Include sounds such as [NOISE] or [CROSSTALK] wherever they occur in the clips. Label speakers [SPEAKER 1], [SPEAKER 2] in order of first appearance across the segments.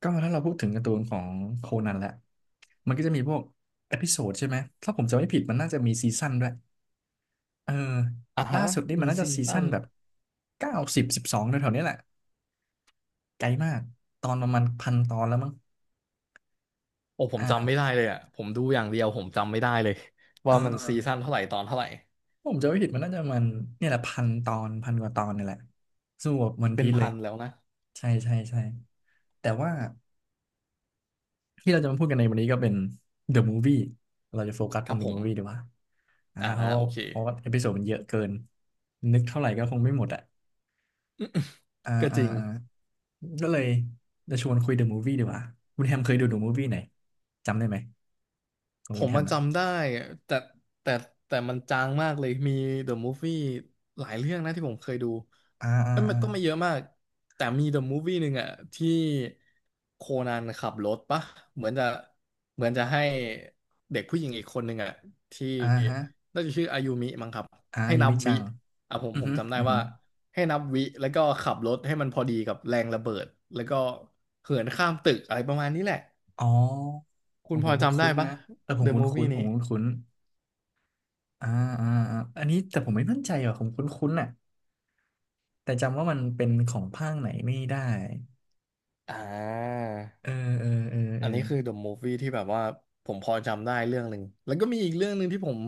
[SPEAKER 1] ก็ถ้าเราพูดถึงการ์ตูนของโคนันแหละมันก็จะมีพวกเอพิโซดใช่ไหม ถ้าผมจำไม่ผิดมันน่าจะมีซีซั่นด้วย เออ
[SPEAKER 2] อ่า
[SPEAKER 1] ล่า
[SPEAKER 2] ฮะ
[SPEAKER 1] สุดนี่มั
[SPEAKER 2] มี
[SPEAKER 1] นน่าจะ
[SPEAKER 2] ซี
[SPEAKER 1] ซี
[SPEAKER 2] ซั่
[SPEAKER 1] ซั่น
[SPEAKER 2] น
[SPEAKER 1] แบบเก้าสิบสิบสองแถวๆนี้แหละ ไกลมาก ตอนประมาณพันตอนแล้วมั้ง
[SPEAKER 2] โอ้ผมจำไม่ได้
[SPEAKER 1] อ่า
[SPEAKER 2] เลยอ่ะผมดูอย่างเดียวผมจำไม่ได้เลย
[SPEAKER 1] เอ
[SPEAKER 2] ว่า
[SPEAKER 1] อ
[SPEAKER 2] มัน
[SPEAKER 1] เออ
[SPEAKER 2] ซีซั่นเท่าไหร่ตอนเท่าไหร่
[SPEAKER 1] ผมจำไม่ผิดมันน่าจะเนี่ยแหละพันตอนพันกว่าตอนนี่แหละ สู้กับวัน
[SPEAKER 2] เป็
[SPEAKER 1] พี
[SPEAKER 2] น
[SPEAKER 1] ซเล
[SPEAKER 2] พั
[SPEAKER 1] ย
[SPEAKER 2] นแล้วนะ
[SPEAKER 1] ใช่ใช่ใช่แต่ว่า ที่เราจะมาพูดกันในวันนี้ก็เป็น The Movie เราจะโฟกัส
[SPEAKER 2] ค
[SPEAKER 1] ตร
[SPEAKER 2] รั
[SPEAKER 1] ง
[SPEAKER 2] บ
[SPEAKER 1] The
[SPEAKER 2] ผม
[SPEAKER 1] Movie ดีกว่าอ่า
[SPEAKER 2] อ่า
[SPEAKER 1] เพราะ
[SPEAKER 2] โอเค
[SPEAKER 1] เพราะว่าเอพิโซดมันเยอะเกินนึกเท่าไหร่ก็คงไม่หมดอ่ะอ่า
[SPEAKER 2] [COUGHS] [LAUGHS] ก็จ
[SPEAKER 1] อ่า
[SPEAKER 2] ริง
[SPEAKER 1] อ่าก็เลยจะชวนคุย The Movie ดีกว่าคุณแฮมเคยดู The Movie ไหนจำได้ไหมขอ
[SPEAKER 2] ผ
[SPEAKER 1] งคุณ
[SPEAKER 2] ม
[SPEAKER 1] แฮ
[SPEAKER 2] มั
[SPEAKER 1] ม
[SPEAKER 2] น
[SPEAKER 1] อ่ะ
[SPEAKER 2] จำได้แต่แต่แต่มันจางมากเลยมี The Movie หลายเรื่องนะที่ผมเคยดู
[SPEAKER 1] อ่าอ่า
[SPEAKER 2] เอ้ยมั
[SPEAKER 1] อ่า
[SPEAKER 2] นก็ไม่เยอะมากแต่มี The Movie หนึ่งอะที่โคนันขับรถปะเหมือนจะเหมือนจะให้เด็กผู้หญิงอีกคนหนึ่งอะที่
[SPEAKER 1] อ่าฮะ
[SPEAKER 2] น่าจะชื่ออายุมิมั้งครับ
[SPEAKER 1] อ่า
[SPEAKER 2] ให้
[SPEAKER 1] ยู
[SPEAKER 2] นับ
[SPEAKER 1] มิจั
[SPEAKER 2] วิ
[SPEAKER 1] ง
[SPEAKER 2] อ่ะผม
[SPEAKER 1] อือ
[SPEAKER 2] ผม
[SPEAKER 1] ฮึ
[SPEAKER 2] จำได้
[SPEAKER 1] อือฮึ
[SPEAKER 2] ว่าให้นับวิแล้วก็ขับรถให้มันพอดีกับแรงระเบิดแล้วก็เหินข้ามตึกอะไรประมาณนี้แหละ
[SPEAKER 1] อ๋อ
[SPEAKER 2] คุ
[SPEAKER 1] โอ้
[SPEAKER 2] ณพ
[SPEAKER 1] โห
[SPEAKER 2] อ
[SPEAKER 1] คุ้น
[SPEAKER 2] จำได้
[SPEAKER 1] คุ้น
[SPEAKER 2] ปะ
[SPEAKER 1] นะเออผม
[SPEAKER 2] The
[SPEAKER 1] คุ้นคุ้น
[SPEAKER 2] Movie
[SPEAKER 1] ผ
[SPEAKER 2] นี้
[SPEAKER 1] มคุ้นคุ้นอ่าอ่าอ่าอันนี้แต่ผมไม่มั่นใจอ่ะผมคุ้นคุ้นอ่ะ แต่จำว่ามันเป็นของภาคไหนไม่ได้
[SPEAKER 2] อ่า
[SPEAKER 1] เออเออเออเอ
[SPEAKER 2] อัน
[SPEAKER 1] อ
[SPEAKER 2] นี้คือ The Movie ที่แบบว่าผมพอจำได้เรื่องหนึ่ง แล้วก็มีอีกเรื่องหนึ่งที่ผม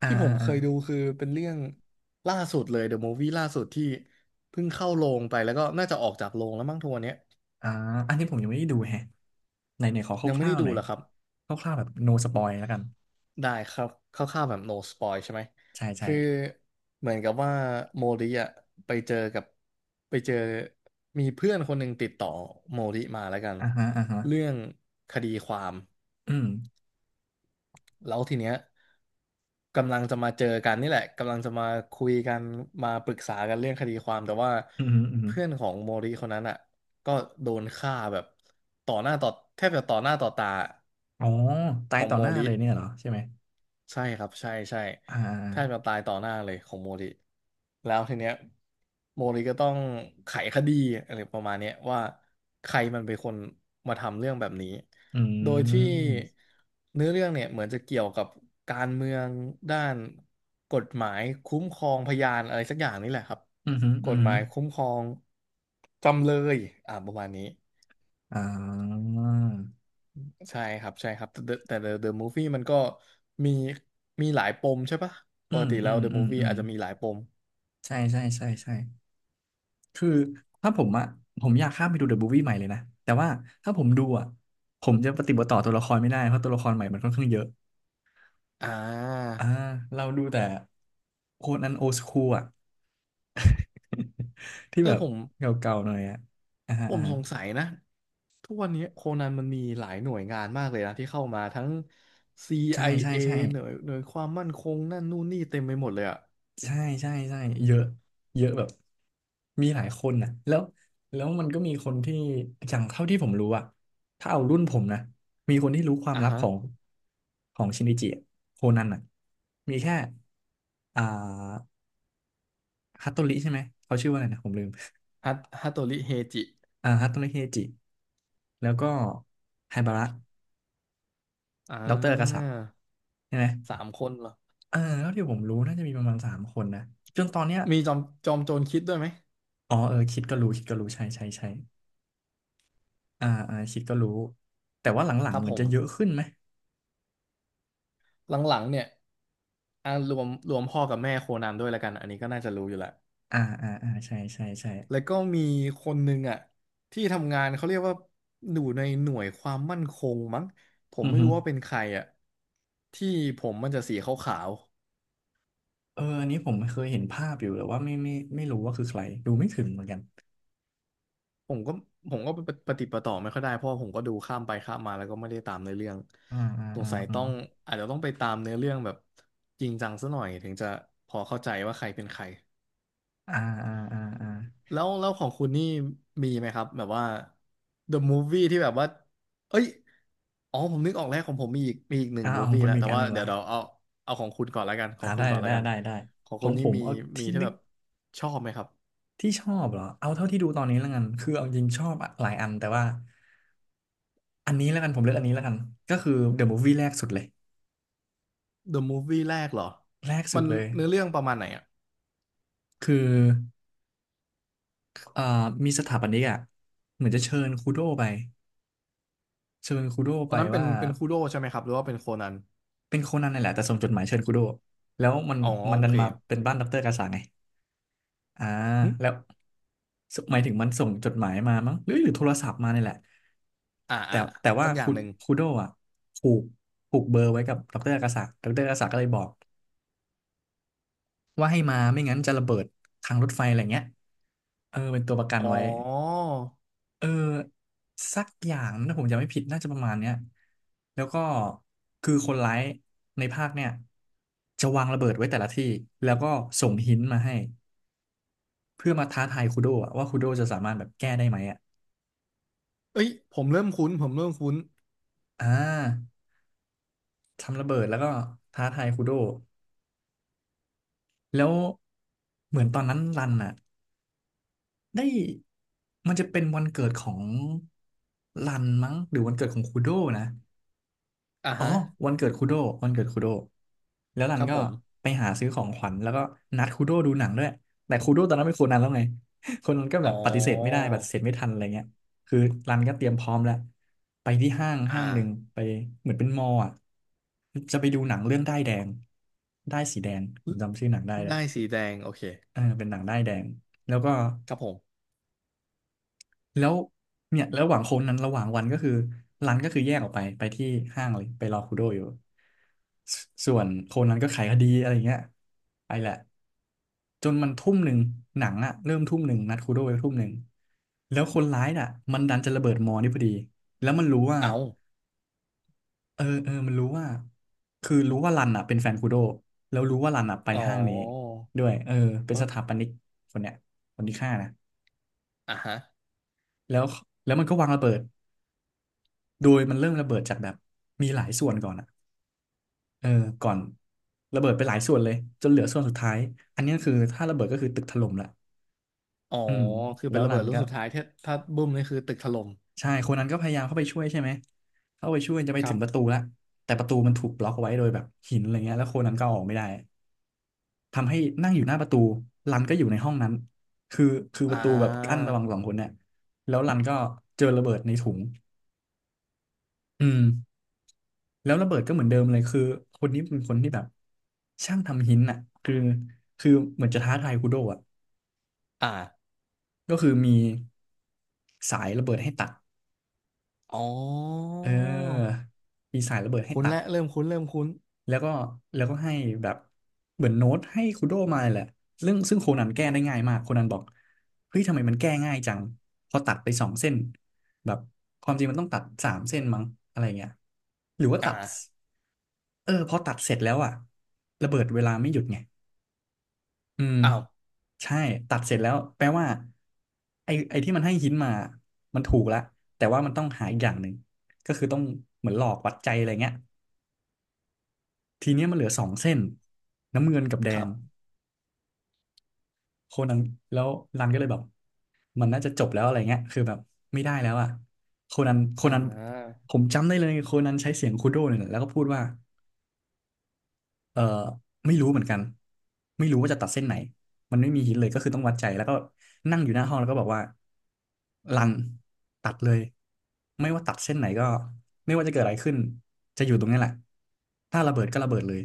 [SPEAKER 1] อ่า
[SPEAKER 2] ที่ผม
[SPEAKER 1] อ่า
[SPEAKER 2] เค
[SPEAKER 1] อ่า
[SPEAKER 2] ยดูคือเป็นเรื่องล่าสุดเลย The Movie ล่าสุดที่เพิ่งเข้าโรงไปแล้วก็น่าจะออกจากโรงแล้วมั้งทัวร์เนี้ย
[SPEAKER 1] อ่าอันนี้ผมยังไม่ได้ดูแฮะไหนไหนขอ
[SPEAKER 2] ยัง
[SPEAKER 1] ค
[SPEAKER 2] ไม่
[SPEAKER 1] ร่า
[SPEAKER 2] ได้
[SPEAKER 1] วๆห
[SPEAKER 2] ดู
[SPEAKER 1] น่อย
[SPEAKER 2] เหรอครับ
[SPEAKER 1] คร่าวๆแบบ no spoil แล้วกัน
[SPEAKER 2] ได้ครับคร่าวๆแบบ no spoil ใช่ไหม
[SPEAKER 1] ใช่ใช่
[SPEAKER 2] คือเหมือนกับว่าโมริอะไปเจอกับไปเจอมีเพื่อนคนหนึ่งติดต่อโมริมาแล้วกัน
[SPEAKER 1] อ่าฮะอ่าฮะ
[SPEAKER 2] เรื่องคดีความ
[SPEAKER 1] อืม
[SPEAKER 2] แล้วทีเนี้ยกำลังจะมาเจอกันนี่แหละกำลังจะมาคุยกันมาปรึกษากันเรื่องคดีความแต่ว่า
[SPEAKER 1] อืมอืม
[SPEAKER 2] เพื่อนของโมริคนนั้นอ่ะก็โดนฆ่าแบบต่อหน้าต่อแทบจะต่อหน้าต่อตา
[SPEAKER 1] อ๋อตา
[SPEAKER 2] ข
[SPEAKER 1] ย
[SPEAKER 2] อง
[SPEAKER 1] ต่อ
[SPEAKER 2] โม
[SPEAKER 1] หน้า
[SPEAKER 2] ริ
[SPEAKER 1] เลยเนี่ยเหรอใช่ไหม
[SPEAKER 2] ใช่ครับใช่ใช่
[SPEAKER 1] อ่
[SPEAKER 2] แทบจะ
[SPEAKER 1] า
[SPEAKER 2] ตายต่อหน้าเลยของโมริแล้วทีเนี้ยโมริก็ต้องไขคดีอะไรประมาณเนี้ยว่าใครมันเป็นคนมาทำเรื่องแบบนี้
[SPEAKER 1] อื
[SPEAKER 2] โดยที่
[SPEAKER 1] ม
[SPEAKER 2] เนื้อเรื่องเนี่ยเหมือนจะเกี่ยวกับการเมืองด้านกฎหมายคุ้มครองพยานอะไรสักอย่างนี่แหละครับ
[SPEAKER 1] อืมอืม
[SPEAKER 2] ก
[SPEAKER 1] อ
[SPEAKER 2] ฎ
[SPEAKER 1] ม
[SPEAKER 2] หมายคุ้มครองจำเลยอ่าประมาณนี้
[SPEAKER 1] อ่า
[SPEAKER 2] ใช่ครับใช่ครับแต่ The- แต่ The Movie มันก็มีมีหลายปมใช่ปะป
[SPEAKER 1] อื
[SPEAKER 2] ก
[SPEAKER 1] ม
[SPEAKER 2] ติ
[SPEAKER 1] อื
[SPEAKER 2] แล้ว
[SPEAKER 1] ม
[SPEAKER 2] The
[SPEAKER 1] อืม
[SPEAKER 2] Movie
[SPEAKER 1] อืม
[SPEAKER 2] อาจจะมีหลายปม
[SPEAKER 1] ใช่ใช่ใช่ใช่ คือถ้าผมอะผมอยากข้ามไปดูเดอะบู i วี่ใหม่เลยนะแต่ว่าถ้าผมดูอะผมจะปฏิบัติต่อตัวละครไม่ได้เพราะตัวละครใหม่มันค่อนข้างเยอะ
[SPEAKER 2] อ่า
[SPEAKER 1] อ่าเราดูแต่โคนันโอสคูลอะ [LAUGHS] ที่
[SPEAKER 2] เอ
[SPEAKER 1] แบ
[SPEAKER 2] อ
[SPEAKER 1] บ
[SPEAKER 2] ผม
[SPEAKER 1] เก่าๆหน่อยอะอ่าฮะ
[SPEAKER 2] ผ
[SPEAKER 1] อ่า
[SPEAKER 2] ม
[SPEAKER 1] ฮะ
[SPEAKER 2] สงสัยนะทุกวันนี้โคนันมันมีหลายหน่วยงานมากเลยนะที่เข้ามาทั้ง
[SPEAKER 1] ใช่ใช่
[SPEAKER 2] CIA
[SPEAKER 1] ใช่
[SPEAKER 2] หน่วยความมั่นคงนั่นนู่นนี่เต็มไปหมดเลยอะ
[SPEAKER 1] ใช่ใช่ใช่เยอะเยอะแบบมีหลายคนนะแล้วแล้วมันก็มีคนที่อย่างเท่าที่ผมรู้อะถ้าเอารุ่นผมนะมีคนที่รู้ความ
[SPEAKER 2] อ่ะ
[SPEAKER 1] ลับ
[SPEAKER 2] ฮะ
[SPEAKER 1] ของชินิจิอะโคนันอะมีแค่อ่าฮัตโตริใช่ไหมเขาชื่อว่าอะไรนะผมลืม
[SPEAKER 2] ฮัตโตริเฮจิ
[SPEAKER 1] อ่าฮัตโตริเฮจิแล้วก็ไฮบาระ
[SPEAKER 2] อ่
[SPEAKER 1] ด็อกเตอร์กษัตริย์
[SPEAKER 2] า
[SPEAKER 1] ใช่ไหม
[SPEAKER 2] สามคนเหรอ
[SPEAKER 1] เออเท่าที่ผมรู้น่าจะมีประมาณ3 คนนะจนตอนเนี้ย
[SPEAKER 2] มีจอมโจรคิดด้วยไหม
[SPEAKER 1] อ๋อเออคิดก็รู้คิดก็รู้ใช่ใช่ใช่ อ่าอ่าคิดก็รู้แต่ว่าหลั
[SPEAKER 2] ค
[SPEAKER 1] ง
[SPEAKER 2] รั
[SPEAKER 1] ๆ
[SPEAKER 2] บ
[SPEAKER 1] เหมือ
[SPEAKER 2] ผ
[SPEAKER 1] น
[SPEAKER 2] ม
[SPEAKER 1] จะเยอะขึ้นไหม
[SPEAKER 2] หลังๆเนี่ยอ่ารวมพ่อกับแม่โคนันด้วยแล้วกันอันนี้ก็น่าจะรู้อยู่แหละ
[SPEAKER 1] อ่าอ่าอ่าใช่ใช่ใช่
[SPEAKER 2] แล้วก็มีคนหนึ่งอ่ะที่ทำงานเขาเรียกว่าอยู่ในหน่วยความมั่นคงมั้งผม
[SPEAKER 1] อือ
[SPEAKER 2] ไม่
[SPEAKER 1] ฮึ
[SPEAKER 2] รู้ว่าเป็นใครอ่ะที่ผมมันจะสีขาว
[SPEAKER 1] เอออันนี้ผมเคยเห็นภาพอยู่แต่ว่าไม่ไม่ไม่รู้ว่าคือใครดูไม่ถึงเหมือนกัน
[SPEAKER 2] ๆผมก็ปฏิดปะต่อไม่ค่อยได้เพราะว่าผมก็ดูข้ามไปข้ามมาแล้วก็ไม่ได้ตามเนื้อเรื่อง
[SPEAKER 1] อ่าอ่า
[SPEAKER 2] สง
[SPEAKER 1] อ่า
[SPEAKER 2] สัย
[SPEAKER 1] อ่า
[SPEAKER 2] ต้องอาจจะต้องไปตามเนื้อเรื่องแบบจริงจังซะหน่อยถึงจะพอเข้าใจว่าใครเป็นใคร
[SPEAKER 1] อ่าอ่าอ่าอ่า
[SPEAKER 2] แล้วของคุณนี่มีไหมครับแบบว่า The Movie ที่แบบว่าเอ้ยอ๋อผมนึกออกแล้วของผมมีอีกมีอีกหนึ่
[SPEAKER 1] อ่า
[SPEAKER 2] ง
[SPEAKER 1] เอาของ
[SPEAKER 2] movie
[SPEAKER 1] คุณ
[SPEAKER 2] แล้ว
[SPEAKER 1] มีอี
[SPEAKER 2] แต่
[SPEAKER 1] กอัน
[SPEAKER 2] ว่า
[SPEAKER 1] หนึ่ง
[SPEAKER 2] เดี๋ย
[SPEAKER 1] ละ
[SPEAKER 2] วเราเอาเอาของคุณก่อนแล้วกันขอ
[SPEAKER 1] อ่า
[SPEAKER 2] งคุ
[SPEAKER 1] ได้
[SPEAKER 2] ณก่อนแล้
[SPEAKER 1] ได้
[SPEAKER 2] วกัน
[SPEAKER 1] ได้ได้
[SPEAKER 2] ของ
[SPEAKER 1] ขอ
[SPEAKER 2] คุณ
[SPEAKER 1] งผ
[SPEAKER 2] นี่
[SPEAKER 1] ม
[SPEAKER 2] มี
[SPEAKER 1] เอา
[SPEAKER 2] มี
[SPEAKER 1] ที่
[SPEAKER 2] ที่
[SPEAKER 1] นึ
[SPEAKER 2] แบ
[SPEAKER 1] ก
[SPEAKER 2] บชอบไหมครับ
[SPEAKER 1] ที่ชอบเหรอเอาเท่าที่ดูตอนนี้แล้วกันคือเอาจริงชอบหลายอันแต่ว่าอันนี้แล้วกันผมเลือกอันนี้แล้วกันก็คือ The Movie แรกสุดเลย
[SPEAKER 2] The Movie แรกเหรอ
[SPEAKER 1] แรกสุ
[SPEAKER 2] มั
[SPEAKER 1] ด
[SPEAKER 2] น
[SPEAKER 1] เลย
[SPEAKER 2] เนื้อเรื่องประมาณไหนอ่ะ
[SPEAKER 1] คือ เอ่อมีสถาปนิกอ่ะเหมือนจะเชิญคูโดไปเชิญคูโด
[SPEAKER 2] ตอ
[SPEAKER 1] ไป
[SPEAKER 2] นนั้นเป็น
[SPEAKER 1] ว่า
[SPEAKER 2] เป็นคูโดใช่ไหมครับหรือว่าเป็นโคนัน
[SPEAKER 1] เป็นโคนันนี่นแหละแต่ส่งจดหมายเชิญคูโดแล้วมัน
[SPEAKER 2] อ๋อ
[SPEAKER 1] มัน
[SPEAKER 2] โอ
[SPEAKER 1] ดัน
[SPEAKER 2] เค
[SPEAKER 1] มาเป็นบ้านดอกเตอร์กาสาไงอ่า
[SPEAKER 2] หึ
[SPEAKER 1] แล้วสหมายถึงมันส่งจดหมายมามั้งหรือโทรศัพท์มาเนี่ยแหละ
[SPEAKER 2] อ่า
[SPEAKER 1] แต่
[SPEAKER 2] อ่า
[SPEAKER 1] แต่ว่า
[SPEAKER 2] สักอย่างหนึ่ง
[SPEAKER 1] คูโดอ่ะผูกผูกเบอร์ไว้กับดอกเตอร์กาสาดอกเตอร์กาสาก็เลยบอกว่าให้มาไม่งั้นจะระเบิดทางรถไฟอะไรเงี้ยเออเป็นตัวประกัน
[SPEAKER 2] อ๋อ
[SPEAKER 1] ไว้ เออสักอย่างถ้าผมจำไม่ผิดน่าจะประมาณเนี้ยแล้วก็คือคนร้ายในภาคเนี่ยจะวางระเบิดไว้แต่ละที่แล้วก็ส่งหินมาให้เพื่อมาท้าทายคูโดะว่าคูโดจะสามารถแบบแก้ได้ไหมอ่ะ
[SPEAKER 2] เอ้ยผมเริ่มคุ้นผมเริ่มคุ้น
[SPEAKER 1] อ่าทำระเบิดแล้วก็ท้าทายคูโดแล้วเหมือนตอนนั้นรันอ่ะได้มันจะเป็นวันเกิดของรันมั้งหรือวันเกิดของคูโดนะ
[SPEAKER 2] อ่า
[SPEAKER 1] อ๋อ
[SPEAKER 2] ฮะ
[SPEAKER 1] วันเกิดคุโดวันเกิดคุโดแล้วรั
[SPEAKER 2] ค
[SPEAKER 1] น
[SPEAKER 2] รับ
[SPEAKER 1] ก็
[SPEAKER 2] ผม
[SPEAKER 1] ไปหาซื้อของขวัญแล้วก็นัดคุโดดูหนังด้วยแต่คุโดตอนนั้นเป็นโคนนั้นแล้วไง [LAUGHS] โคนนั้นก็แบ
[SPEAKER 2] อ๋อ
[SPEAKER 1] บปฏิเสธไม่ได้ปฏิเสธไม่ทันอะไรเงี้ยคือรันก็เตรียมพร้อมแล้วไปที่ห้าง
[SPEAKER 2] อ่า
[SPEAKER 1] ห้างหนึ่งไปเหมือนเป็นมอลล์อ่ะจะไปดูหนังเรื่องด้ายแดงด้ายสีแดงผมจำชื่อหนังได้เลย
[SPEAKER 2] ได้สีแดงโอเค
[SPEAKER 1] เออเป็นหนังด้ายแดงแล้วก็
[SPEAKER 2] ครับผม
[SPEAKER 1] แล้วเนี่ยแล้วระหว่างโค้งนั้นระหว่างวันก็คือรันก็คือแยกออกไปไปที่ห้างเลยไปรอคูโดอยู่สส่วนโคนนั้นก็ไขายคดีอะไรเงี้ยไปแหละจนมันทุ่มหนึ่งหนังอะเริ่มทุ่มหนึ่งนัดคูโดไว้ทุ่มหนึ่งแล้วคนร้ายน่ะมันดันจะระเบิดมอนี่พอดีแล้วมันรู้ว่า
[SPEAKER 2] เอา
[SPEAKER 1] เออมันรู้ว่าคือรู้ว่ารันอะเป็นแฟนคูโดแล้วรู้ว่ารันอะไป
[SPEAKER 2] อ๋อ
[SPEAKER 1] ห้างนี้ด้วยเออเป็น
[SPEAKER 2] เอ้
[SPEAKER 1] ส
[SPEAKER 2] ย
[SPEAKER 1] ถาปนิกคนเนี้ยคนที่ฆ่านะ
[SPEAKER 2] อ่ะฮะ
[SPEAKER 1] แล้วแล้วมันก็วางระเบิด โดยมันเริ่มระเบิดจากแบบมีหลายส่วนก่อนอะเออก่อนระเบิดไปหลายส่วนเลยจนเหลือส่วนสุดท้าย อันนี้คือถ้าระเบิดก็คือตึกถล่มละ
[SPEAKER 2] อ๋อ
[SPEAKER 1] อืม
[SPEAKER 2] คือ
[SPEAKER 1] แล้
[SPEAKER 2] เป็น
[SPEAKER 1] ว
[SPEAKER 2] ระ
[SPEAKER 1] รั
[SPEAKER 2] เบิ
[SPEAKER 1] น
[SPEAKER 2] ดลูก
[SPEAKER 1] ก็
[SPEAKER 2] สุดท้ายถ้าถ้าบุ้มนี่คือตึกถล่ม
[SPEAKER 1] ใช่คนนั้นก็พยายามเข้าไปช่วยใช่ไหม เข้าไปช่วยจะไป
[SPEAKER 2] ค
[SPEAKER 1] ถึ
[SPEAKER 2] รับ
[SPEAKER 1] งประตูละแต่ประตูมันถูกบล็อกเอาไว้โดยแบบหินอะไรเงี้ยแล้วคนนั้นก็อออกไม่ได้ทำให้นั่งอยู่หน้าประตู รันก็อยู่ในห้องนั้นคือคือป
[SPEAKER 2] อ่
[SPEAKER 1] ระตูแบบกั้น
[SPEAKER 2] า
[SPEAKER 1] ระหว่างสองคนเนี่ยแล้วรันก็เจอระเบิดในถุงอืม แล้วระเบิดก็เหมือนเดิมเลยคือคนนี้เป็นคนที่แบบช่างทำหินอ่ะคือคือเหมือนจะท้าทายคุโดะอ่ะ
[SPEAKER 2] อ่า
[SPEAKER 1] ก็คือมีสายระเบิดให้ตัด
[SPEAKER 2] อ๋อ
[SPEAKER 1] เออมีสายระเบิดให้
[SPEAKER 2] คุ้น
[SPEAKER 1] ตัด
[SPEAKER 2] และเริ่มคุ้นเริ่มคุ้น
[SPEAKER 1] แล้วก็แล้วก็ให้แบบเหมือนโน้ตให้คุโดะมาแหละเรื่องซึ่งโคนันแก้ได้ง่ายมากโคนันบอกเฮ้ยทำไมมันแก้ง่ายจังพอตัดไปสองเส้นแบบความจริงมันต้องตัดสามเส้นมั้งอะไรเงี้ยหรือว่าตัด
[SPEAKER 2] อ่า
[SPEAKER 1] เออพอตัดเสร็จแล้วอะระเบิดเวลาไม่หยุดไง อืม
[SPEAKER 2] อ้าว
[SPEAKER 1] ใช่ตัดเสร็จแล้วแปลว่าไอ้ที่มันให้หินมามันถูกแล้วแต่ว่ามันต้องหาอีกอย่างหนึ่งก็คือต้องเหมือนหลอกวัดใจอะไรเงี้ยทีเนี้ยมันเหลือสองเส้นน้ำเงินกับแด
[SPEAKER 2] ครั
[SPEAKER 1] ง
[SPEAKER 2] บ
[SPEAKER 1] โคนันแล้วรันก็เลยแบบมันน่าจะจบแล้วอะไรเงี้ยคือแบบไม่ได้แล้วอ่ะโคนันโค
[SPEAKER 2] อ่
[SPEAKER 1] นัน
[SPEAKER 2] า
[SPEAKER 1] ผมจำได้เลยโคนันใช้เสียงคูโดเนี่ยแหละแล้วก็พูดว่า เออไม่รู้เหมือนกันไม่รู้ว่าจะตัดเส้นไหนมันไม่มีหินเลยก็คือต้องวัดใจแล้วก็นั่งอยู่หน้าห้องแล้วก็บอกว่ารันตัดเลยไม่ว่าตัดเส้นไหนก็ไม่ว่าจะเกิดอะไรขึ้นจะอยู่ตรงนี้แหละถ้าระเบิดก็ระเบิดเลย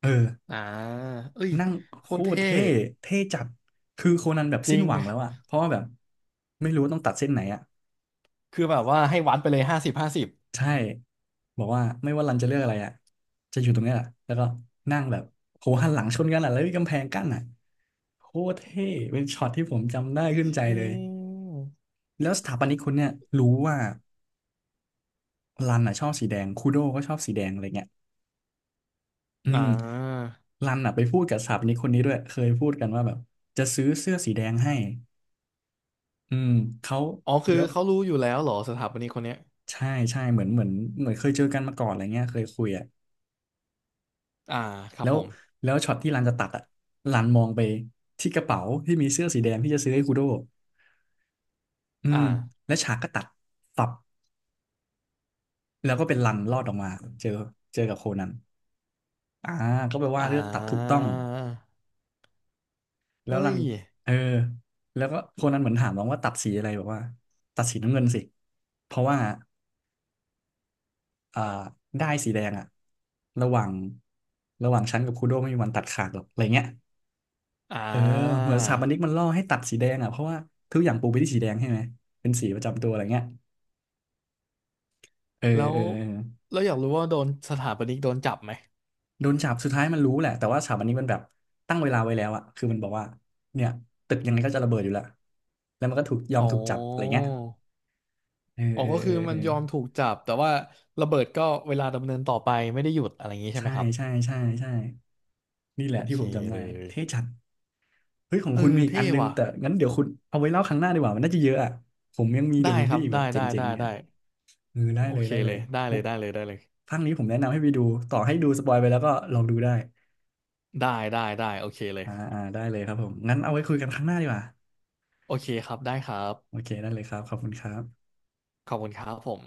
[SPEAKER 1] เออ
[SPEAKER 2] อ่าเอ้ย
[SPEAKER 1] นั่ง
[SPEAKER 2] โค
[SPEAKER 1] โค
[SPEAKER 2] ตร
[SPEAKER 1] ตร
[SPEAKER 2] เท่
[SPEAKER 1] เท่เท่จัดคือโคนันแบบ
[SPEAKER 2] จ
[SPEAKER 1] สิ้
[SPEAKER 2] ริ
[SPEAKER 1] น
[SPEAKER 2] ง
[SPEAKER 1] หวังแล้วอะเพราะว่าแบบไม่รู้ว่าต้องตัดเส้นไหนอะ
[SPEAKER 2] คือแบบว่าให้วัดไปเลยห้าสิบห้าสิบ
[SPEAKER 1] ใช่บอกว่าไม่ว่ารันจะเลือกอะไรอ่ะจะอยู่ตรงเนี้ยแหละแล้วก็นั่งแบบโหหันหลังชนกันอ่ะแล้วมีกำแพงกั้นอ่ะโคตรเท่เป็นช็อตที่ผมจำได้ขึ้นใจ
[SPEAKER 2] อื
[SPEAKER 1] เลย
[SPEAKER 2] ม
[SPEAKER 1] แล้วสถาปนิกคนเนี่ยรู้ว่ารันอ่ะชอบสีแดงคูโดก็ชอบสีแดงอะไรเงี้ยอื
[SPEAKER 2] อ่
[SPEAKER 1] ม
[SPEAKER 2] า
[SPEAKER 1] รันอ่ะไปพูดกับสถาปนิกคนนี้ด้วยเคยพูดกันว่าแบบจะซื้อเสื้อสีแดงให้อืมเขา
[SPEAKER 2] อ๋อคือ
[SPEAKER 1] แล้ว
[SPEAKER 2] เขารู้อยู่แล้วเหรอสถาปนิกคนเนี้ย
[SPEAKER 1] ใช่ใช่เหมือนเคยเจอกันมาก่อนอะไรเงี้ยเคยคุยอ่ะ
[SPEAKER 2] อ่าครั
[SPEAKER 1] แล้
[SPEAKER 2] บ
[SPEAKER 1] ว
[SPEAKER 2] ผม
[SPEAKER 1] แล้วช็อตที่รันจะตัดอ่ะรันมองไปที่กระเป๋าที่มีเสื้อสีแดงที่จะซื้อให้คูโดอื
[SPEAKER 2] อ่า
[SPEAKER 1] มและฉากก็ตัดตับแล้วก็เป็นรันรอดออกมาเจอเจอกับโคนันอ่าก็แปลว่า
[SPEAKER 2] อ่
[SPEAKER 1] เลือกตัดถูกต้อ
[SPEAKER 2] า
[SPEAKER 1] งแล้
[SPEAKER 2] เฮ้
[SPEAKER 1] วรัน
[SPEAKER 2] ย
[SPEAKER 1] เออแล้วก็โคนันเหมือนถามน้องว่าตัดสีอะไรบอกว่าตัดสีน้ำเงินสิเพราะว่าอ่าได้สีแดงอะระหว่างระหว่างฉันกับคูโดไม่มีวันตัดขาดหรอกอะไรเงี้ย
[SPEAKER 2] อ่
[SPEAKER 1] เออเห
[SPEAKER 2] า
[SPEAKER 1] มือนสถาปนิกมันล่อให้ตัดสีแดงอ่ะเพราะว่าทุกอย่างปูไปที่สีแดงใช่ไหมเป็นสีประจำตัวอะไรเงี้ยเออ
[SPEAKER 2] แล้
[SPEAKER 1] เอ
[SPEAKER 2] ว
[SPEAKER 1] อเออ
[SPEAKER 2] แล้วอยากรู้ว่าโดนสถาปนิกโดนจับไหม
[SPEAKER 1] โดนจับสุดท้ายมันรู้แหละแต่ว่าสถาปนิกมันแบบตั้งเวลาไว้แล้วอ่ะคือมันบอกว่าเนี่ยตึกยังไงก็จะระเบิดอยู่แล้วแล้วมันก็ถูกยอม
[SPEAKER 2] อ๋อ
[SPEAKER 1] ถูกจับอะไรเงี้ยเออ
[SPEAKER 2] อ๋อ
[SPEAKER 1] เออ
[SPEAKER 2] ก็
[SPEAKER 1] เอ
[SPEAKER 2] คือ
[SPEAKER 1] อ
[SPEAKER 2] มั
[SPEAKER 1] เอ
[SPEAKER 2] น
[SPEAKER 1] อ
[SPEAKER 2] ยอมถูกจับแต่ว่าระเบิดก็เวลาดำเนินต่อไปไม่ได้หยุดอะไรอย่างนี้ใช่ไห
[SPEAKER 1] ใช่
[SPEAKER 2] มครับ
[SPEAKER 1] ใช่ใช่ใช่นี่แห
[SPEAKER 2] โอ
[SPEAKER 1] ละ
[SPEAKER 2] เค
[SPEAKER 1] ที่ผมจำได้
[SPEAKER 2] เลย
[SPEAKER 1] เท่จัดเฮ้ยของ
[SPEAKER 2] เอ
[SPEAKER 1] คุณ
[SPEAKER 2] อ
[SPEAKER 1] มีอีกอั
[SPEAKER 2] เท่
[SPEAKER 1] นนึง
[SPEAKER 2] ว่ะ
[SPEAKER 1] แต่งั้นเดี๋ยวคุณเอาไว้เล่าครั้งหน้าดีกว่ามันน่าจะเยอะอ่ะผมยังมีเด
[SPEAKER 2] ได้
[SPEAKER 1] อะมูฟ
[SPEAKER 2] ครั
[SPEAKER 1] วี่
[SPEAKER 2] บ
[SPEAKER 1] แบ
[SPEAKER 2] ได้
[SPEAKER 1] บเจ
[SPEAKER 2] ได้
[SPEAKER 1] ๋ง
[SPEAKER 2] ได้
[SPEAKER 1] ๆอีก
[SPEAKER 2] ได้
[SPEAKER 1] อ่ะ เออได้
[SPEAKER 2] โอ
[SPEAKER 1] เลย
[SPEAKER 2] เค
[SPEAKER 1] ได้เล
[SPEAKER 2] เล
[SPEAKER 1] ย
[SPEAKER 2] ยได้เล
[SPEAKER 1] มุ
[SPEAKER 2] ย
[SPEAKER 1] ก
[SPEAKER 2] ได้เลยได้เลย
[SPEAKER 1] ภาคนี้ผมแนะนำให้ไปดูต่อให้ดูสปอยไปแล้วก็ลองดูได้
[SPEAKER 2] ได้ได้ได้โอเคเลย
[SPEAKER 1] อ่าได้เลยครับผม งั้นเอาไว้คุยกันครั้งหน้าดีกว่า
[SPEAKER 2] โอเคครับได้ครั
[SPEAKER 1] โอ
[SPEAKER 2] บ
[SPEAKER 1] เคได้เลยครับ ขอบคุณครับ
[SPEAKER 2] ขอบคุณครับผม